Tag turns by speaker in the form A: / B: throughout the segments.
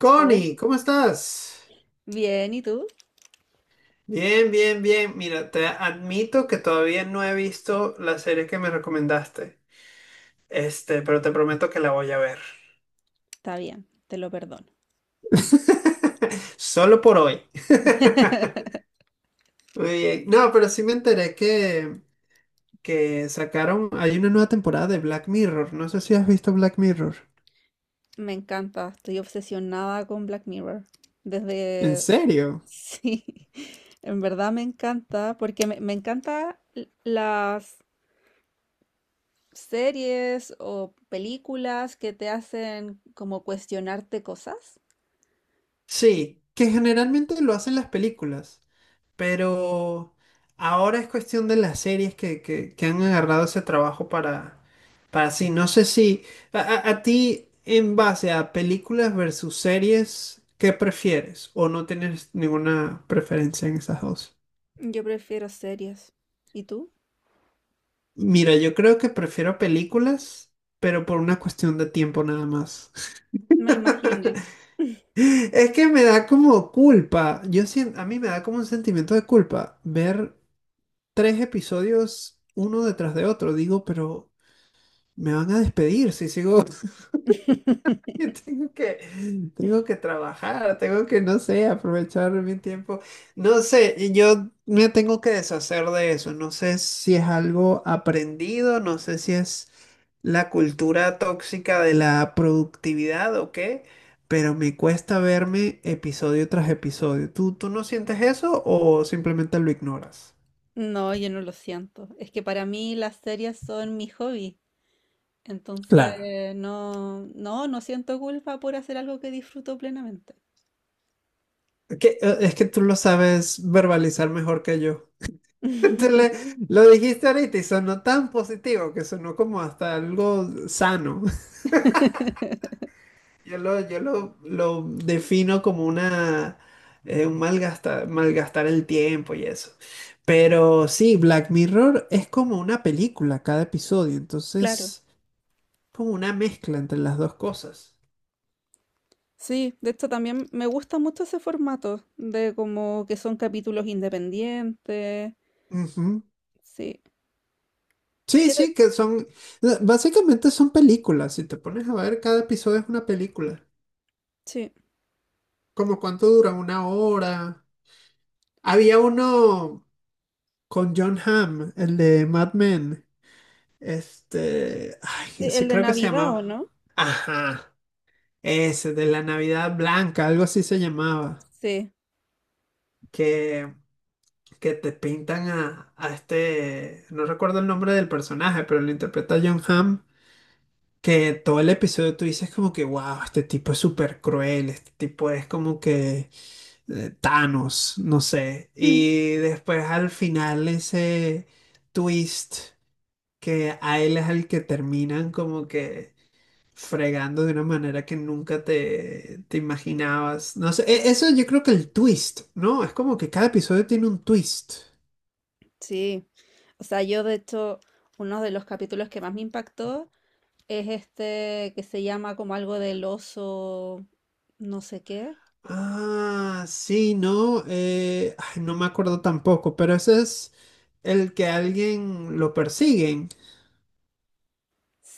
A: Connie,
B: Hoy.
A: ¿cómo estás?
B: Bien, ¿y tú?
A: Bien, bien, bien. Mira, te admito que todavía no he visto la serie que me recomendaste. Pero te prometo que la voy a ver.
B: Está bien, te lo perdono.
A: Solo por hoy. Muy bien. No, pero sí me enteré que sacaron, hay una nueva temporada de Black Mirror. No sé si has visto Black Mirror.
B: Me encanta, estoy obsesionada con Black Mirror.
A: ¿En
B: Desde...
A: serio?
B: Sí, en verdad me encanta, porque me encanta las series o películas que te hacen como cuestionarte cosas.
A: Sí, que generalmente lo hacen las películas. Pero ahora es cuestión de las series que, que han agarrado ese trabajo para sí. No sé si a, a ti, en base a películas versus series, ¿qué prefieres? ¿O no tienes ninguna preferencia en esas dos?
B: Yo prefiero series. ¿Y tú?
A: Mira, yo creo que prefiero películas, pero por una cuestión de tiempo nada más.
B: Me imaginé.
A: Es que me da como culpa. Yo siento, a mí me da como un sentimiento de culpa ver tres episodios uno detrás de otro. Digo, pero me van a despedir si sigo. Yo Tengo que, tengo que trabajar, tengo que, no sé, aprovechar mi tiempo. No sé, y yo me tengo que deshacer de eso. No sé si es algo aprendido, no sé si es la cultura tóxica de la productividad o qué, pero me cuesta verme episodio tras episodio. ¿Tú no sientes eso o simplemente lo ignoras?
B: No, yo no lo siento. Es que para mí las series son mi hobby.
A: Claro.
B: Entonces, no, no, no siento culpa por hacer algo que disfruto plenamente.
A: Es que tú lo sabes verbalizar mejor que yo. Te le- lo dijiste ahorita y sonó tan positivo que sonó como hasta algo sano. Yo lo defino como un malgastar el tiempo y eso. Pero sí, Black Mirror es como una película cada episodio,
B: Claro.
A: entonces como una mezcla entre las dos cosas.
B: Sí, de hecho también me gusta mucho ese formato de como que son capítulos independientes.
A: Ujú.
B: Sí.
A: Sí,
B: ¿Qué te-
A: sí, básicamente son películas. Si te pones a ver, cada episodio es una película.
B: Sí.
A: ¿Como cuánto dura? ¿Una hora? Había uno, con John Hamm, el de Mad Men. Ay,
B: Sí, el
A: ese
B: de
A: creo que se
B: Navidad, ¿o
A: llamaba.
B: no?
A: Ajá, ese de la Navidad Blanca, algo así se llamaba.
B: Sí.
A: Que, que te pintan a este, no recuerdo el nombre del personaje, pero lo interpreta John Hamm. Que todo el episodio tú dices como que, wow, este tipo es súper cruel, este tipo es como que Thanos, no sé.
B: Mm.
A: Y después al final ese twist, que a él es al que terminan como que fregando de una manera que nunca te, te imaginabas. No sé, eso yo creo que el twist, ¿no? Es como que cada episodio tiene un twist.
B: Sí. O sea, yo de hecho, uno de los capítulos que más me impactó es este que se llama como algo del oso, no sé qué.
A: Ah, sí, no, ay, no me acuerdo tampoco, pero ese es el que alguien lo persiguen,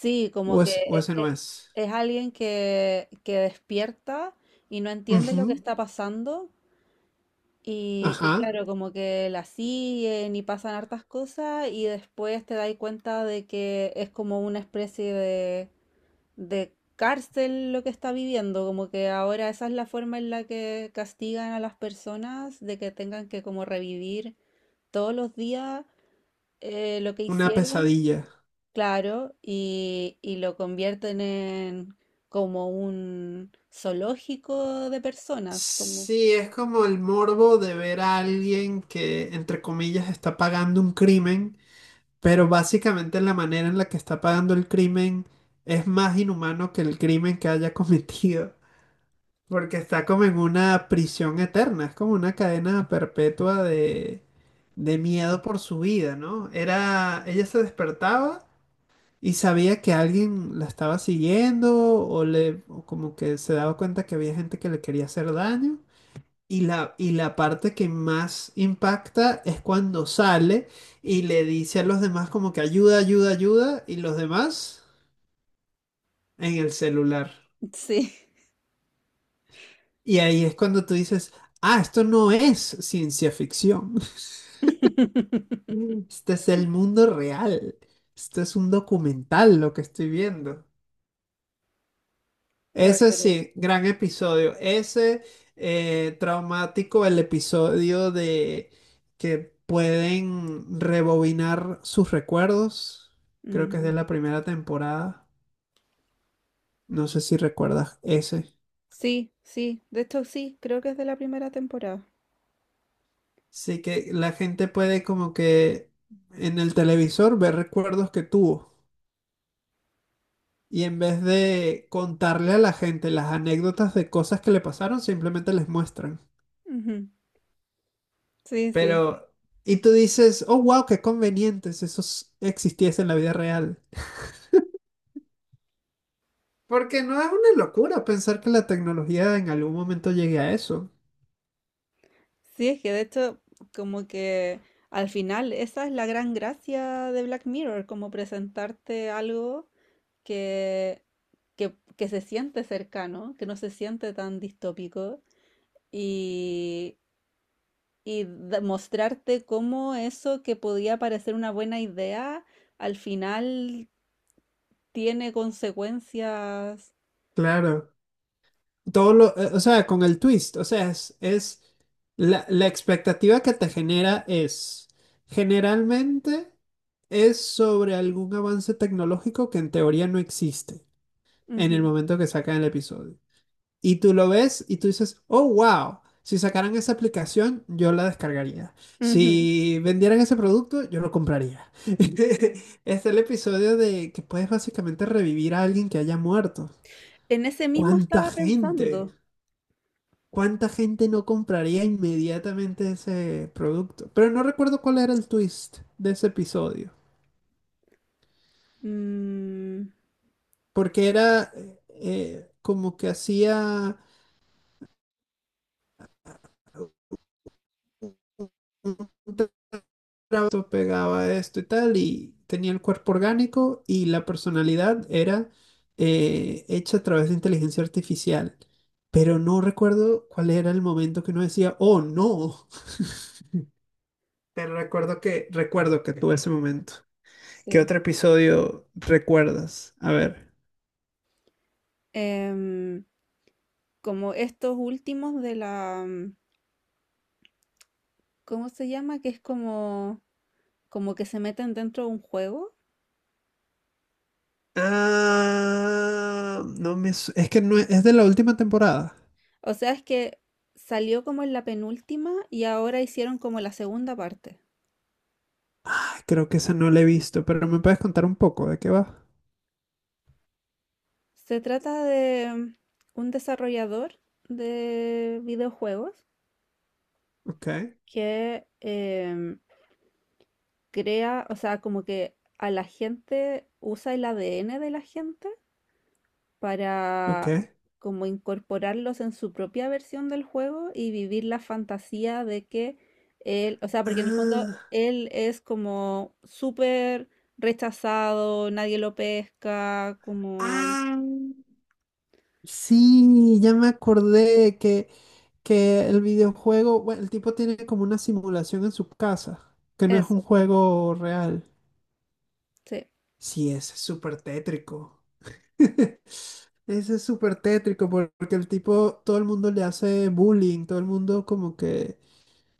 B: Sí, como que
A: o ese
B: e-
A: no
B: e-
A: es.
B: es alguien que despierta y no entiende lo que
A: Ujú,
B: está pasando y
A: ajá,
B: claro, como que la siguen y pasan hartas cosas y después te das cuenta de que es como una especie de cárcel lo que está viviendo, como que ahora esa es la forma en la que castigan a las personas de que tengan que como revivir todos los días lo que
A: una
B: hicieron.
A: pesadilla.
B: Claro, y lo convierten en como un zoológico de personas, como...
A: Sí, es como el morbo de ver a alguien que, entre comillas, está pagando un crimen. Pero básicamente la manera en la que está pagando el crimen es más inhumano que el crimen que haya cometido, porque está como en una prisión eterna, es como una cadena perpetua de miedo por su vida, ¿no? Era, ella se despertaba y sabía que alguien la estaba siguiendo o le, o como que se daba cuenta que había gente que le quería hacer daño y la parte que más impacta es cuando sale y le dice a los demás como que ayuda, ayuda, ayuda, y los demás en el celular.
B: Sí.
A: Y ahí es cuando tú dices, ah, esto no es ciencia ficción. Este es el mundo real. Esto es un documental lo que estoy viendo.
B: Ay,
A: Ese
B: pero
A: sí, gran episodio. Ese traumático, el episodio de que pueden rebobinar sus recuerdos. Creo que es
B: ujú.
A: de la primera temporada. No sé si recuerdas ese.
B: Sí, sí, de hecho sí, creo que es de la primera temporada.
A: Sí, que la gente puede como que en el televisor ver recuerdos que tuvo. Y en vez de contarle a la gente las anécdotas de cosas que le pasaron, simplemente les muestran.
B: Ujú. Sí, sí.
A: Pero, y tú dices, oh, wow, qué conveniente si eso existiese en la vida real. Porque no es una locura pensar que la tecnología en algún momento llegue a eso.
B: Sí, es que de hecho como que al final esa es la gran gracia de Black Mirror, como presentarte algo que, que se siente cercano, que no se siente tan distópico y, y mostrarte cómo eso que podía parecer una buena idea al final tiene consecuencias.
A: Claro. O sea, con el twist, o sea, es la expectativa que te genera es, generalmente es sobre algún avance tecnológico que en teoría no existe en el
B: Ujú,
A: momento que sacan el episodio. Y tú lo ves y tú dices, oh, wow, si sacaran esa aplicación, yo la descargaría.
B: ujú.
A: Si vendieran ese producto, yo lo compraría. Este es el episodio de que puedes básicamente revivir a alguien que haya muerto.
B: En ese mismo
A: ¿Cuánta
B: estaba
A: gente?
B: pensando.
A: ¿Cuánta gente no compraría inmediatamente ese producto? Pero no recuerdo cuál era el twist de ese episodio,
B: Mm,
A: porque era como que hacía un esto, pegaba esto y tal, y tenía el cuerpo orgánico y la personalidad era hecha a través de inteligencia artificial. Pero no recuerdo cuál era el momento que uno decía, oh no, pero recuerdo que tuve ese momento. ¿Qué
B: sí.
A: otro episodio recuerdas? A ver.
B: Em, Como estos últimos de la... ¿Cómo se llama? Que es como, como que se meten dentro de un juego.
A: Ah, no me... su- es que no es de la última temporada.
B: O sea, es que salió como en la penúltima y ahora hicieron como la segunda parte.
A: Ah, creo que esa no la he visto, pero me puedes contar un poco de qué va.
B: Se trata de un desarrollador de videojuegos
A: Ok,
B: que crea, o sea, como que a la gente usa el ADN de la gente
A: ok.
B: para como incorporarlos en su propia versión del juego y vivir la fantasía de que él, o sea, porque en el fondo
A: Ah,
B: él es como súper rechazado, nadie lo pesca, como
A: ah, sí, ya me acordé que, el videojuego, bueno, el tipo tiene como una simulación en su casa, que no es un
B: eso,
A: juego real.
B: sí,
A: Sí, ese es súper tétrico. Ese es súper tétrico porque el tipo, todo el mundo le hace bullying, todo el mundo como que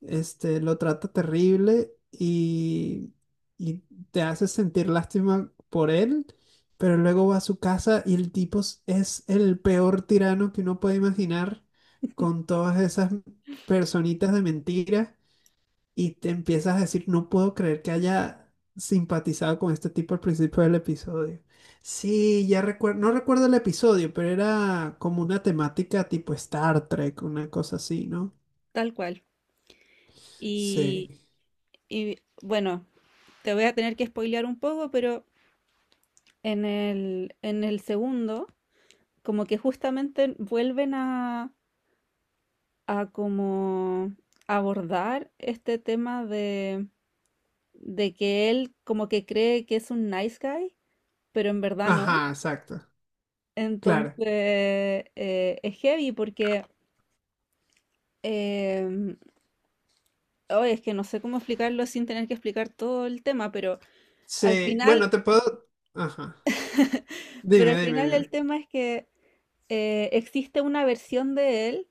A: lo trata terrible y te hace sentir lástima por él, pero luego va a su casa y el tipo es el peor tirano que uno puede imaginar con todas esas personitas de mentira y te empiezas a decir, no puedo creer que haya simpatizado con este tipo al principio del episodio. Sí, ya recuerdo, no recuerdo el episodio, pero era como una temática tipo Star Trek, una cosa así, ¿no?
B: tal cual.
A: Sí.
B: Y, y bueno, te voy a tener que spoilear un poco, pero en el segundo, como que justamente vuelven a como abordar este tema de que él como que cree que es un nice guy, pero en verdad no.
A: Ajá, exacto. Claro.
B: Entonces, es heavy porque, eh, oh, es que no sé cómo explicarlo sin tener que explicar todo el tema, al
A: Sí,
B: final,
A: bueno, te puedo. Ajá.
B: pero
A: Dime,
B: al
A: dime,
B: final el
A: dime.
B: tema es que existe una versión de él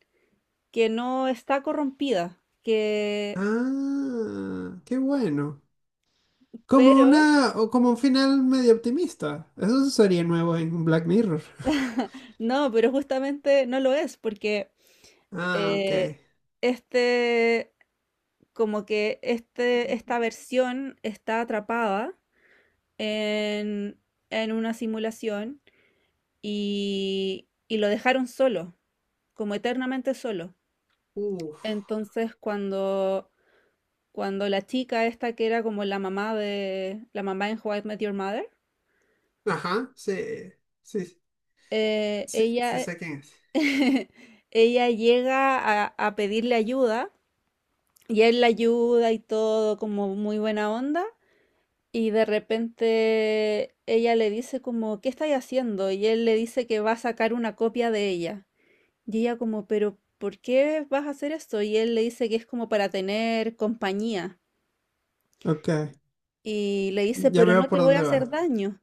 B: que no está corrompida, que,
A: Ah, qué bueno. Como una,
B: pero,
A: o como un final medio optimista. Eso sería nuevo en Black Mirror.
B: no, pero justamente no lo es, porque
A: Ah, ok.
B: eh, este, como que esta versión está atrapada en, en una simulación y lo dejaron solo, como eternamente solo.
A: Uf.
B: Entonces, cuando, cuando la chica esta que era como la mamá de, la mamá en How I Met Your Mother,
A: Ajá, sí. Sí, sí, sí
B: ella,
A: sé quién es.
B: ella llega a pedirle ayuda y él la ayuda y todo como muy buena onda y de repente ella le dice como, ¿qué estáis haciendo? Y él le dice que va a sacar una copia de ella. Y ella como, pero ¿por qué vas a hacer esto? Y él le dice que es como para tener compañía.
A: Ok.
B: Y le dice,
A: Ya
B: pero no
A: veo
B: te
A: por
B: voy a
A: dónde
B: hacer
A: va.
B: daño.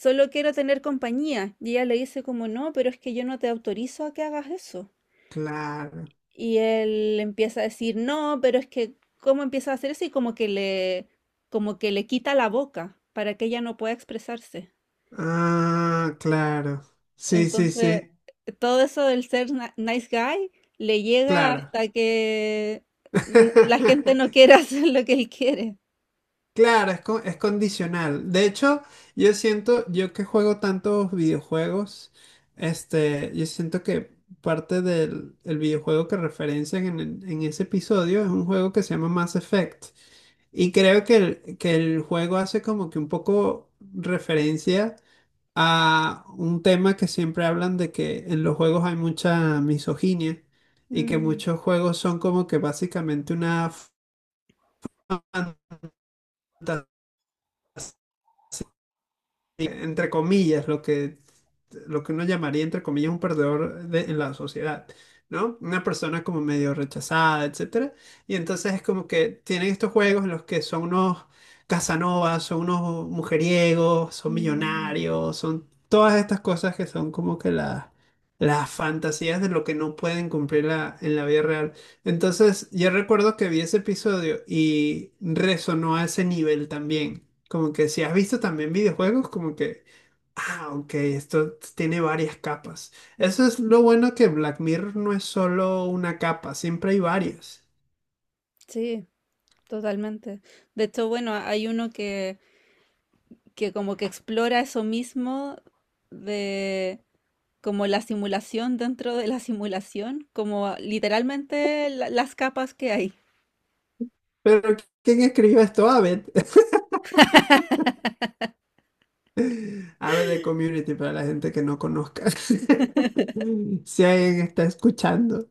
B: Solo quiero tener compañía. Y ella le dice como, no, pero es que yo no te autorizo a que hagas eso.
A: Claro.
B: Y él empieza a decir, no, pero es que, ¿cómo empieza a hacer eso? Y como que le quita la boca para que ella no pueda expresarse.
A: Ah, claro. Sí, sí,
B: Entonces,
A: sí.
B: todo eso del ser nice guy le llega
A: Claro.
B: hasta que la gente no quiere hacer lo que él quiere.
A: Claro, es condicional. De hecho, yo siento, yo que juego tantos videojuegos, yo siento que parte del el videojuego que referencian en ese episodio es un juego que se llama Mass Effect. Y creo que el juego hace como que un poco referencia a un tema que siempre hablan de que en los juegos hay mucha misoginia y que
B: Mm,
A: muchos juegos son como que básicamente una fantasía. Sí, entre comillas, lo que, uno llamaría, entre comillas, un perdedor en la sociedad, ¿no? Una persona como medio rechazada, etcétera. Y entonces es como que tienen estos juegos en los que son unos Casanovas, son unos mujeriegos, son
B: mm,
A: millonarios, son todas estas cosas que son como que las fantasías de lo que no pueden cumplir en la vida real. Entonces, yo recuerdo que vi ese episodio y resonó a ese nivel también. Como que si has visto también videojuegos, como que, ah, ok, esto tiene varias capas. Eso es lo bueno que Black Mirror no es solo una capa, siempre hay varias.
B: sí, totalmente. De hecho, bueno, hay uno que como que explora eso mismo como la simulación dentro de la simulación, como literalmente las capas que hay.
A: Pero ¿quién escribió esto? Abed. Abed de Community, para la gente que no conozca. Si alguien está escuchando.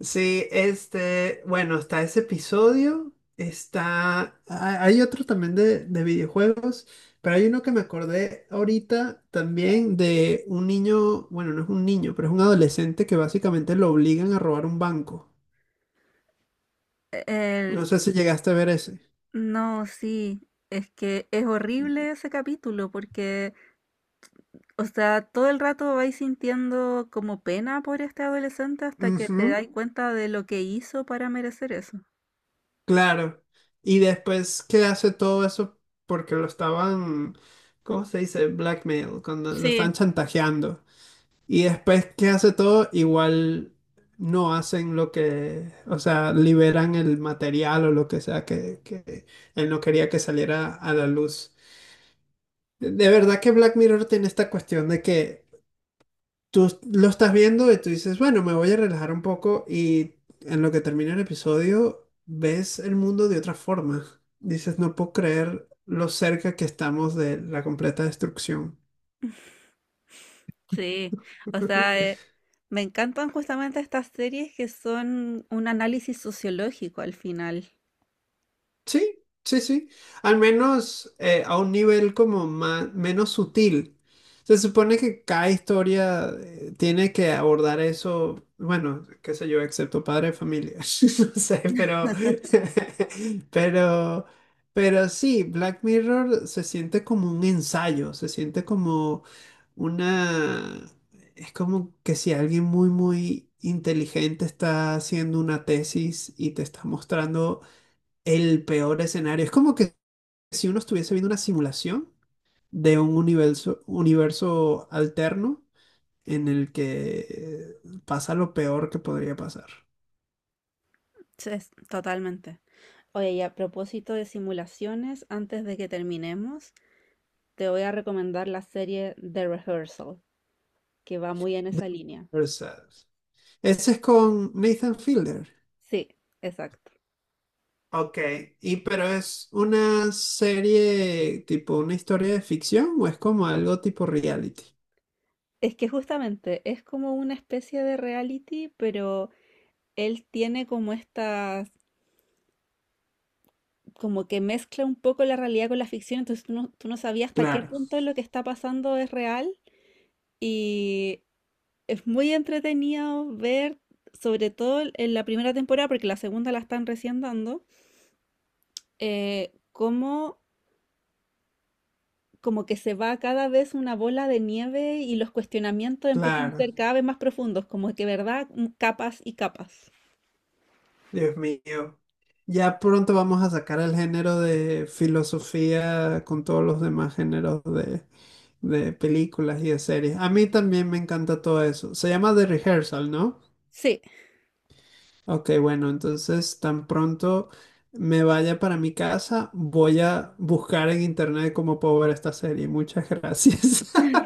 A: Sí, bueno, está ese episodio, hay otro también de videojuegos, pero hay uno que me acordé ahorita también de un niño, bueno, no es un niño, pero es un adolescente que básicamente lo obligan a robar un banco.
B: El-
A: No sé si llegaste a ver ese.
B: no, sí, es que es horrible ese capítulo porque, o sea, todo el rato vais sintiendo como pena por este adolescente hasta que te
A: Ujú,
B: dais cuenta de lo que hizo para merecer eso.
A: claro. Y después que hace todo eso porque lo estaban, ¿cómo se dice? Blackmail, cuando lo estaban
B: Sí,
A: chantajeando. Y después que hace todo, igual no hacen lo que, o sea, liberan el material o lo que sea que él no quería que saliera a la luz. De verdad que Black Mirror tiene esta cuestión de que tú lo estás viendo y tú dices, bueno, me voy a relajar un poco y en lo que termina el episodio ves el mundo de otra forma. Dices, no puedo creer lo cerca que estamos de la completa destrucción.
B: sí, o sea, me encantan justamente estas series que son un análisis sociológico al final.
A: Sí, sí, sí. Al menos a un nivel como más, menos sutil. Se supone que cada historia tiene que abordar eso, bueno, qué sé yo, excepto padre de familia. No sé, pero, pero, pero sí, Black Mirror se siente como un ensayo, se siente como una, es como que si alguien muy, muy inteligente está haciendo una tesis y te está mostrando el peor escenario. Es como que si uno estuviese viendo una simulación de un universo alterno en el que pasa lo peor que podría pasar.
B: Sí, totalmente. Oye, y a propósito de simulaciones, antes de que terminemos, te voy a recomendar la serie The Rehearsal, que va muy en
A: The
B: esa línea.
A: Other Side. Ese es con Nathan Fielder.
B: Sí, exacto.
A: Ok, y pero es una serie tipo una historia de ficción o es como algo tipo reality.
B: Es que justamente es como una especie de reality, pero él tiene como estas, como que mezcla un poco la realidad con la ficción, entonces tú no sabías hasta qué
A: Claro,
B: punto lo que está pasando es real y es muy entretenido ver, sobre todo en la primera temporada, porque la segunda la están recién dando. Cómo como que se va cada vez una bola de nieve y los cuestionamientos empiezan a
A: claro.
B: ser cada vez más profundos, como que, ¿verdad? Mm, capas y capas.
A: Dios mío. Ya pronto vamos a sacar el género de filosofía con todos los demás géneros de películas y de series. A mí también me encanta todo eso. Se llama The Rehearsal, ¿no?
B: Sí,
A: Ok, bueno, entonces tan pronto me vaya para mi casa, voy a buscar en internet cómo puedo ver esta serie. Muchas gracias.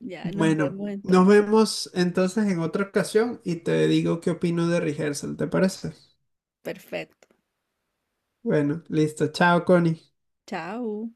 B: ya nos
A: Bueno,
B: vemos
A: nos
B: entonces.
A: vemos entonces en otra ocasión y te digo qué opino de Rehearsal, ¿te parece?
B: Perfecto.
A: Bueno, listo. Chao, Connie.
B: Chao.